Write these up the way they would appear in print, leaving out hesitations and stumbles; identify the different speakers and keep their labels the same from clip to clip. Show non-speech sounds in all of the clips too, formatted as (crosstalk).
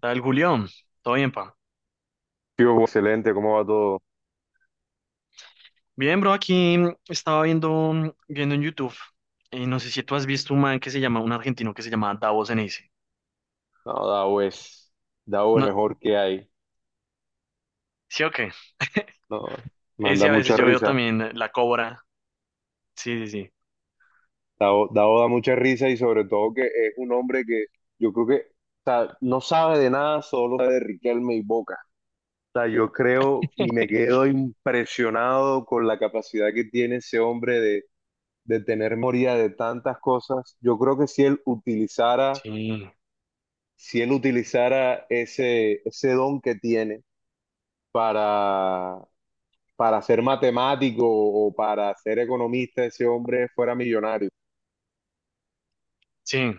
Speaker 1: Tal Julián, todo bien, pa.
Speaker 2: Sí, pues, excelente, ¿cómo va todo?
Speaker 1: Bien, bro, aquí estaba viendo, viendo en YouTube, y no sé si tú has visto un man que se llama, un argentino que se llama Davos Ceneice.
Speaker 2: No, Dao es
Speaker 1: No,
Speaker 2: mejor que hay.
Speaker 1: ¿sí o qué? (laughs)
Speaker 2: No,
Speaker 1: Ese
Speaker 2: manda
Speaker 1: a veces
Speaker 2: mucha
Speaker 1: yo veo
Speaker 2: risa.
Speaker 1: también La Cobra. Sí, sí, sí.
Speaker 2: Dao da mucha risa y sobre todo que es un hombre que yo creo que, o sea, no sabe de nada, solo sabe de Riquelme y Boca. O sea, yo creo, y me quedo impresionado con la capacidad que tiene ese hombre de, tener memoria de tantas cosas. Yo creo que si él utilizara,
Speaker 1: Sí,
Speaker 2: si él utilizara ese don que tiene para para ser matemático o para ser economista, ese hombre fuera millonario.
Speaker 1: sí.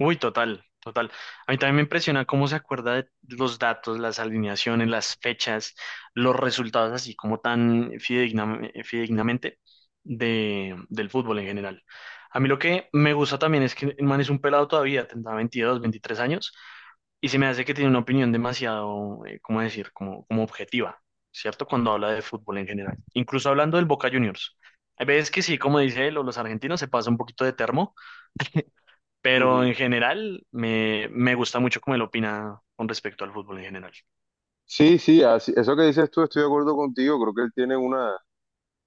Speaker 1: Uy, total, total. A mí también me impresiona cómo se acuerda de los datos, las alineaciones, las fechas, los resultados, así como tan fidedigna fidedignamente del fútbol en general. A mí lo que me gusta también es que el man es un pelado todavía, tendrá 22 23 años, y se me hace que tiene una opinión demasiado, ¿cómo decir?, como objetiva, ¿cierto? Cuando habla de fútbol en general. Incluso hablando del Boca Juniors. Hay veces que sí, como dice él, o los argentinos se pasa un poquito de termo pero
Speaker 2: Ujú.
Speaker 1: en general me gusta mucho cómo él opina con respecto al fútbol en general.
Speaker 2: Sí, sí, eso que dices tú, estoy de acuerdo contigo. Creo que él tiene una,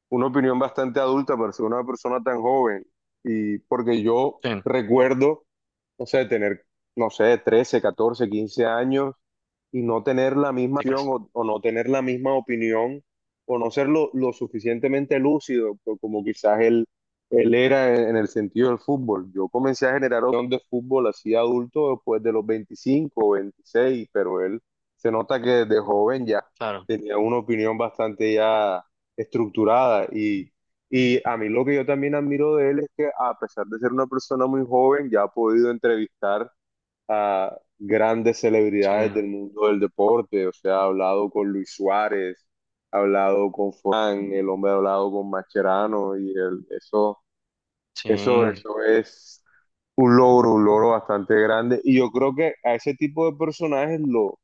Speaker 2: una opinión bastante adulta para ser una persona tan joven. Y porque yo
Speaker 1: Sí,
Speaker 2: recuerdo, no sé, tener, no sé, 13 14 15 años y no tener la misma acción,
Speaker 1: chicas,
Speaker 2: o no tener la misma opinión o no ser lo suficientemente lúcido, como quizás él era en, el sentido del fútbol. Yo comencé a generar opinión de fútbol así adulto después de los 25 o 26, pero él se nota que desde joven ya
Speaker 1: claro.
Speaker 2: tenía una opinión bastante ya estructurada. Y... Y a mí lo que yo también admiro de él es que, a pesar de ser una persona muy joven, ya ha podido entrevistar a grandes
Speaker 1: Sí,
Speaker 2: celebridades del mundo del deporte. O sea, ha hablado con Luis Suárez, ha hablado con Forlán, el hombre ha hablado con Mascherano, y el- eso,
Speaker 1: sí,
Speaker 2: eso, eso es un logro bastante grande, y yo creo que a ese tipo de personajes lo,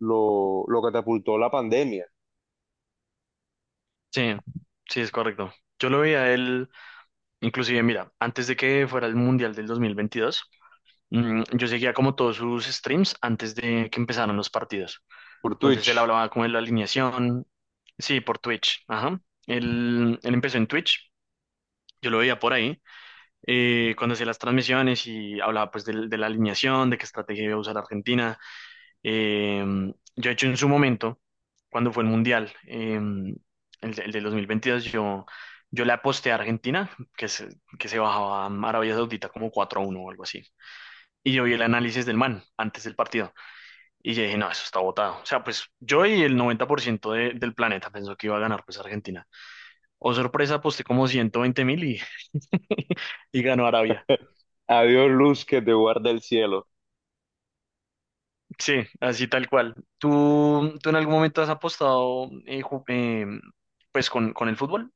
Speaker 2: lo, lo catapultó la pandemia
Speaker 1: sí, sí, es correcto. Yo lo veía a él, inclusive, mira, antes de que fuera el Mundial del 2022, yo seguía como todos sus streams antes de que empezaran los partidos.
Speaker 2: por
Speaker 1: Entonces él
Speaker 2: Twitch.
Speaker 1: hablaba como de la alineación, sí, por Twitch, ajá. Él empezó en Twitch, yo lo veía por ahí cuando hacía las transmisiones y hablaba pues la alineación, de qué estrategia iba a usar Argentina. Eh, yo he hecho en su momento, cuando fue el Mundial, el del 2022, yo le aposté a Argentina, que se, que se bajaba a Arabia Saudita como 4-1 o algo así. Y yo vi el análisis del man antes del partido. Y yo dije, no, eso está botado. O sea, pues yo y el 90% del planeta pensó que iba a ganar pues Argentina. O sorpresa, aposté como 120.000 (laughs) y ganó Arabia.
Speaker 2: Adiós luz que te guarda el cielo.
Speaker 1: Sí, así tal cual. ¿Tú en algún momento has apostado pues con el fútbol?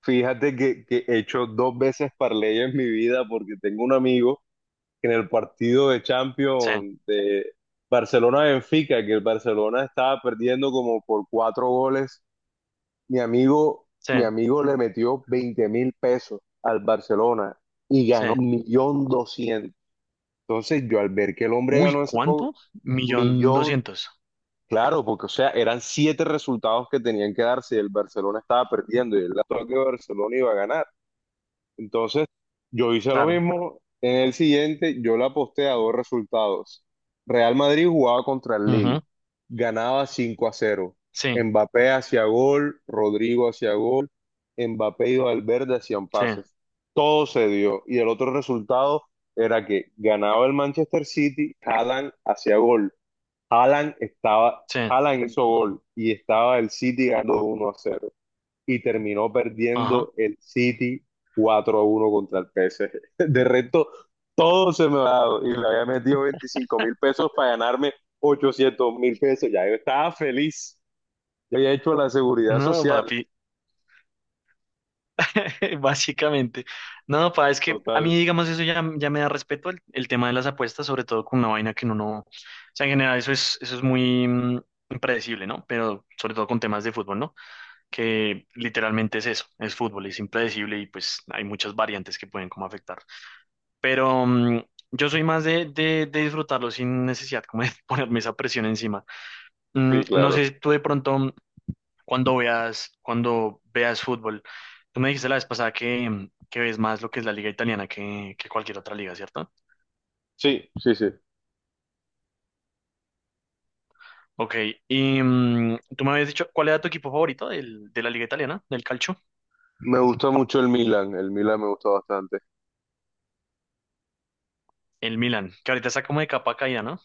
Speaker 2: Fíjate que he hecho dos veces parlay en mi vida, porque tengo un amigo que, en el partido de
Speaker 1: Sí,
Speaker 2: Champions de Barcelona-Benfica, que el Barcelona estaba perdiendo como por cuatro goles, mi amigo,
Speaker 1: sí,
Speaker 2: mi amigo le metió 20.000 pesos al Barcelona y
Speaker 1: sí.
Speaker 2: ganó 1.200.000. Entonces, yo al ver que el hombre
Speaker 1: Uy,
Speaker 2: ganó ese poco,
Speaker 1: ¿cuánto? Millón
Speaker 2: millón,
Speaker 1: doscientos,
Speaker 2: claro, porque, o sea, eran siete resultados que tenían que darse, y el Barcelona estaba perdiendo, y él la que Barcelona iba a ganar. Entonces, yo hice lo
Speaker 1: claro.
Speaker 2: mismo. En el siguiente, yo le aposté a dos resultados. Real Madrid jugaba contra el Lille.
Speaker 1: Ujú.
Speaker 2: Ganaba 5-0.
Speaker 1: Sí,
Speaker 2: Mbappé hacía gol, Rodrigo hacía gol, Mbappé y Valverde hacían
Speaker 1: sí,
Speaker 2: pases. Todo se dio. Y el otro resultado era que ganaba el Manchester City, Haaland hacía gol. Haaland estaba,
Speaker 1: sí.
Speaker 2: Haaland hizo gol, y estaba el City ganando 1-0, y terminó
Speaker 1: Ajá.
Speaker 2: perdiendo el City 4-1 contra el PSG. (laughs) De resto, todo se me ha dado. Y le había metido 25.000 pesos para ganarme 800.000 pesos. Ya yo estaba feliz. Yo había hecho la seguridad
Speaker 1: No,
Speaker 2: social.
Speaker 1: papi, (laughs) básicamente. No, pa, es que a
Speaker 2: Total.
Speaker 1: mí, digamos, eso ya me da respeto el tema de las apuestas, sobre todo con una vaina que uno no. O sea, en general, eso es muy impredecible, ¿no? Pero sobre todo con temas de fútbol, ¿no? Que literalmente es eso, es fútbol, es impredecible y pues hay muchas variantes que pueden como afectar. Pero yo soy más de disfrutarlo sin necesidad como de (laughs) ponerme esa presión encima.
Speaker 2: Sí,
Speaker 1: No
Speaker 2: claro.
Speaker 1: sé, tú de pronto cuando veas fútbol, tú me dijiste la vez pasada que ves más lo que es la liga italiana que cualquier otra liga, ¿cierto?
Speaker 2: Sí, sí, sí.
Speaker 1: Ok, y tú me habías dicho, ¿cuál era tu equipo favorito de la liga italiana, del calcio?
Speaker 2: Me gusta mucho el Milan. El Milan me gusta bastante.
Speaker 1: El Milan, que ahorita está como de capa caída, ¿no?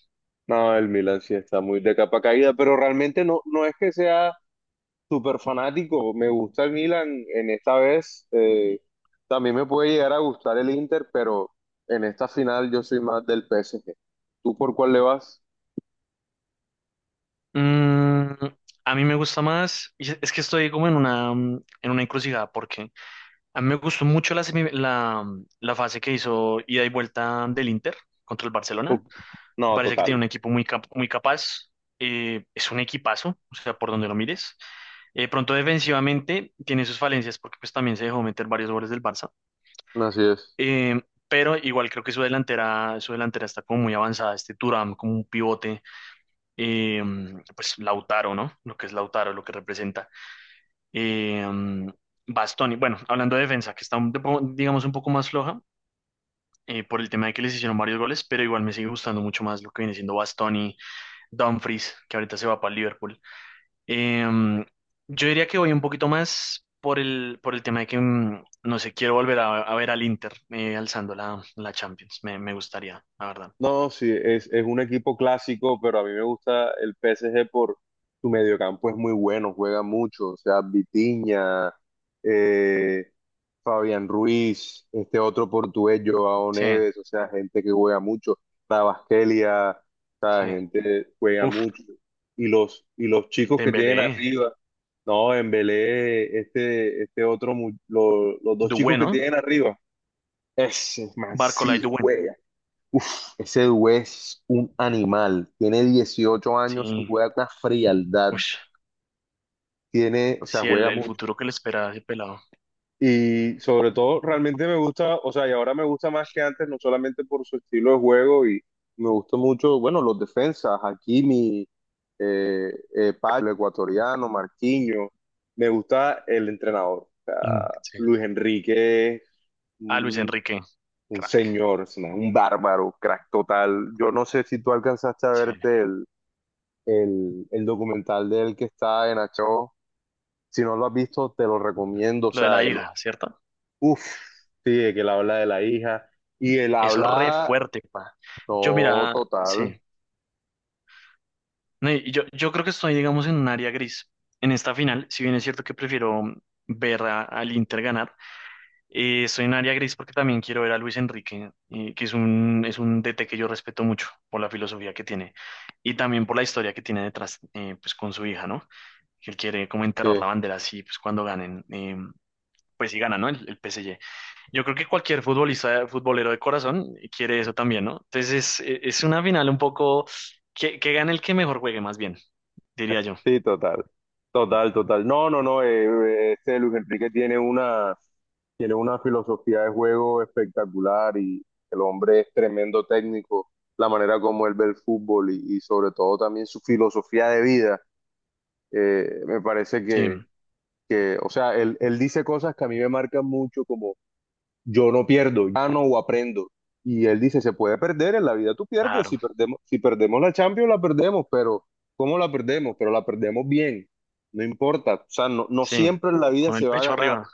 Speaker 2: No, el Milan sí está muy de capa caída, pero realmente no, no es que sea súper fanático. Me gusta el Milan en esta vez. También me puede llegar a gustar el Inter, pero en esta final yo soy más del PSG. ¿Tú por cuál le vas?
Speaker 1: Mm, a mí me gusta más, y es que estoy como en una, en una encrucijada, porque a mí me gustó mucho la fase que hizo ida y vuelta del Inter contra el
Speaker 2: Uf,
Speaker 1: Barcelona. Me
Speaker 2: no,
Speaker 1: parece que tiene
Speaker 2: total.
Speaker 1: un equipo muy capaz, es un equipazo, o sea, por donde lo mires. Pronto defensivamente tiene sus falencias porque pues también se dejó meter varios goles del Barça.
Speaker 2: Así es.
Speaker 1: Eh, pero igual creo que su delantera está como muy avanzada, este Thuram como un pivote eh, pues Lautaro, ¿no? Lo que es Lautaro, lo que representa. Eh, Bastoni, bueno, hablando de defensa, que está, digamos, un poco más floja por el tema de que les hicieron varios goles, pero igual me sigue gustando mucho más lo que viene siendo Bastoni, Dumfries, que ahorita se va para el Liverpool. Eh, yo diría que voy un poquito más por por el tema de no sé, quiero volver a ver al Inter alzando la Champions. Me gustaría, la verdad.
Speaker 2: No, sí, es, un equipo clásico, pero a mí me gusta el PSG por su mediocampo, es muy bueno, juega mucho, o sea, Vitinha, eh, Fabián Ruiz, este otro portugués, Joao
Speaker 1: Sí,
Speaker 2: Neves, o sea, gente que juega mucho, Rabasquelia, o sea,
Speaker 1: sí.
Speaker 2: gente que juega
Speaker 1: Uf,
Speaker 2: mucho, y los chicos que tienen
Speaker 1: Dembélé,
Speaker 2: arriba, no, Embelé, este otro, los dos chicos
Speaker 1: Dué,
Speaker 2: que
Speaker 1: ¿no?
Speaker 2: tienen arriba, ese man
Speaker 1: Barcola y
Speaker 2: sí
Speaker 1: Dué.
Speaker 2: juega. Ese dude es un animal, tiene 18 años y
Speaker 1: Sí,
Speaker 2: juega con una frialdad,
Speaker 1: ush,
Speaker 2: tiene, o sea,
Speaker 1: sí,
Speaker 2: juega
Speaker 1: el
Speaker 2: mucho.
Speaker 1: futuro que le espera a ese pelado.
Speaker 2: Y sobre todo, realmente me gusta, o sea, y ahora me gusta más que antes, no solamente por su estilo de juego, y me gusta mucho, bueno, los defensas, Hakimi, Pablo, ecuatoriano, Marquinhos, me gusta el entrenador, o
Speaker 1: Mm,
Speaker 2: sea,
Speaker 1: sí.
Speaker 2: Luis Enrique, es
Speaker 1: Ah, Luis
Speaker 2: un,
Speaker 1: Enrique,
Speaker 2: un
Speaker 1: crack,
Speaker 2: señor, es un bárbaro, crack total. Yo no sé si tú alcanzaste a
Speaker 1: sí.
Speaker 2: verte el documental de él que está en Achó. Si no lo has visto, te lo recomiendo. O
Speaker 1: Lo de
Speaker 2: sea,
Speaker 1: la hija, ¿cierto?
Speaker 2: uff, sí, de que él habla de la hija y él
Speaker 1: Eso es re
Speaker 2: habla,
Speaker 1: fuerte, pa. Yo,
Speaker 2: no,
Speaker 1: mira,
Speaker 2: total,
Speaker 1: sí. No, y yo creo que estoy, digamos, en un área gris. En esta final, si bien es cierto que prefiero ver al Inter ganar, estoy en un área gris porque también quiero ver a Luis Enrique, que es es un DT que yo respeto mucho por la filosofía que tiene y también por la historia que tiene detrás, pues con su hija, ¿no? Que quiere como enterrar la
Speaker 2: sí,
Speaker 1: bandera así, pues cuando ganen, pues si gana, ¿no? El PSG. Yo creo que cualquier futbolista, futbolero de corazón quiere eso también, ¿no? Entonces es una final un poco que gane el que mejor juegue, más bien, diría yo.
Speaker 2: sí, total, total, total. No, no, no, este Luis Enrique tiene una filosofía de juego espectacular, y el hombre es tremendo técnico, la manera como él ve el fútbol, y sobre todo también su filosofía de vida. Me parece
Speaker 1: Sí,
Speaker 2: que, o sea, él dice cosas que a mí me marcan mucho, como, yo no pierdo, gano o aprendo. Y él dice, se puede perder, en la vida tú pierdes,
Speaker 1: claro,
Speaker 2: si perdemos la Champions la perdemos, pero ¿cómo la perdemos? Pero la perdemos bien, no importa, o sea, no
Speaker 1: sí,
Speaker 2: siempre en la vida
Speaker 1: con el
Speaker 2: se va a
Speaker 1: pecho
Speaker 2: ganar.
Speaker 1: arriba.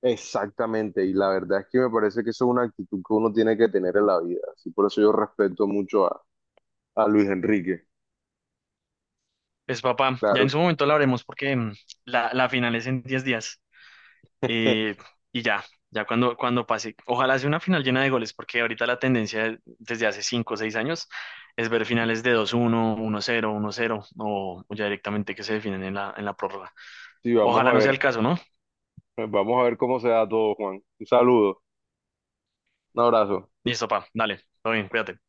Speaker 2: Exactamente, y la verdad es que me parece que eso es una actitud que uno tiene que tener en la vida, así por eso yo respeto mucho a, Luis Enrique,
Speaker 1: Pues papá, ya en
Speaker 2: claro.
Speaker 1: su momento la haremos porque la final es en 10 días. Eh,
Speaker 2: (laughs)
Speaker 1: y ya cuando, cuando pase, ojalá sea una final llena de goles, porque ahorita la tendencia desde hace 5 o 6 años es ver finales de 2-1 1-0 1-0 o ya directamente que se definen en en la prórroga.
Speaker 2: Sí, vamos a
Speaker 1: Ojalá no sea el
Speaker 2: ver,
Speaker 1: caso, ¿no?
Speaker 2: vamos a ver cómo se da todo, Juan. Un saludo, un abrazo.
Speaker 1: Listo, pa, dale, todo bien, cuídate.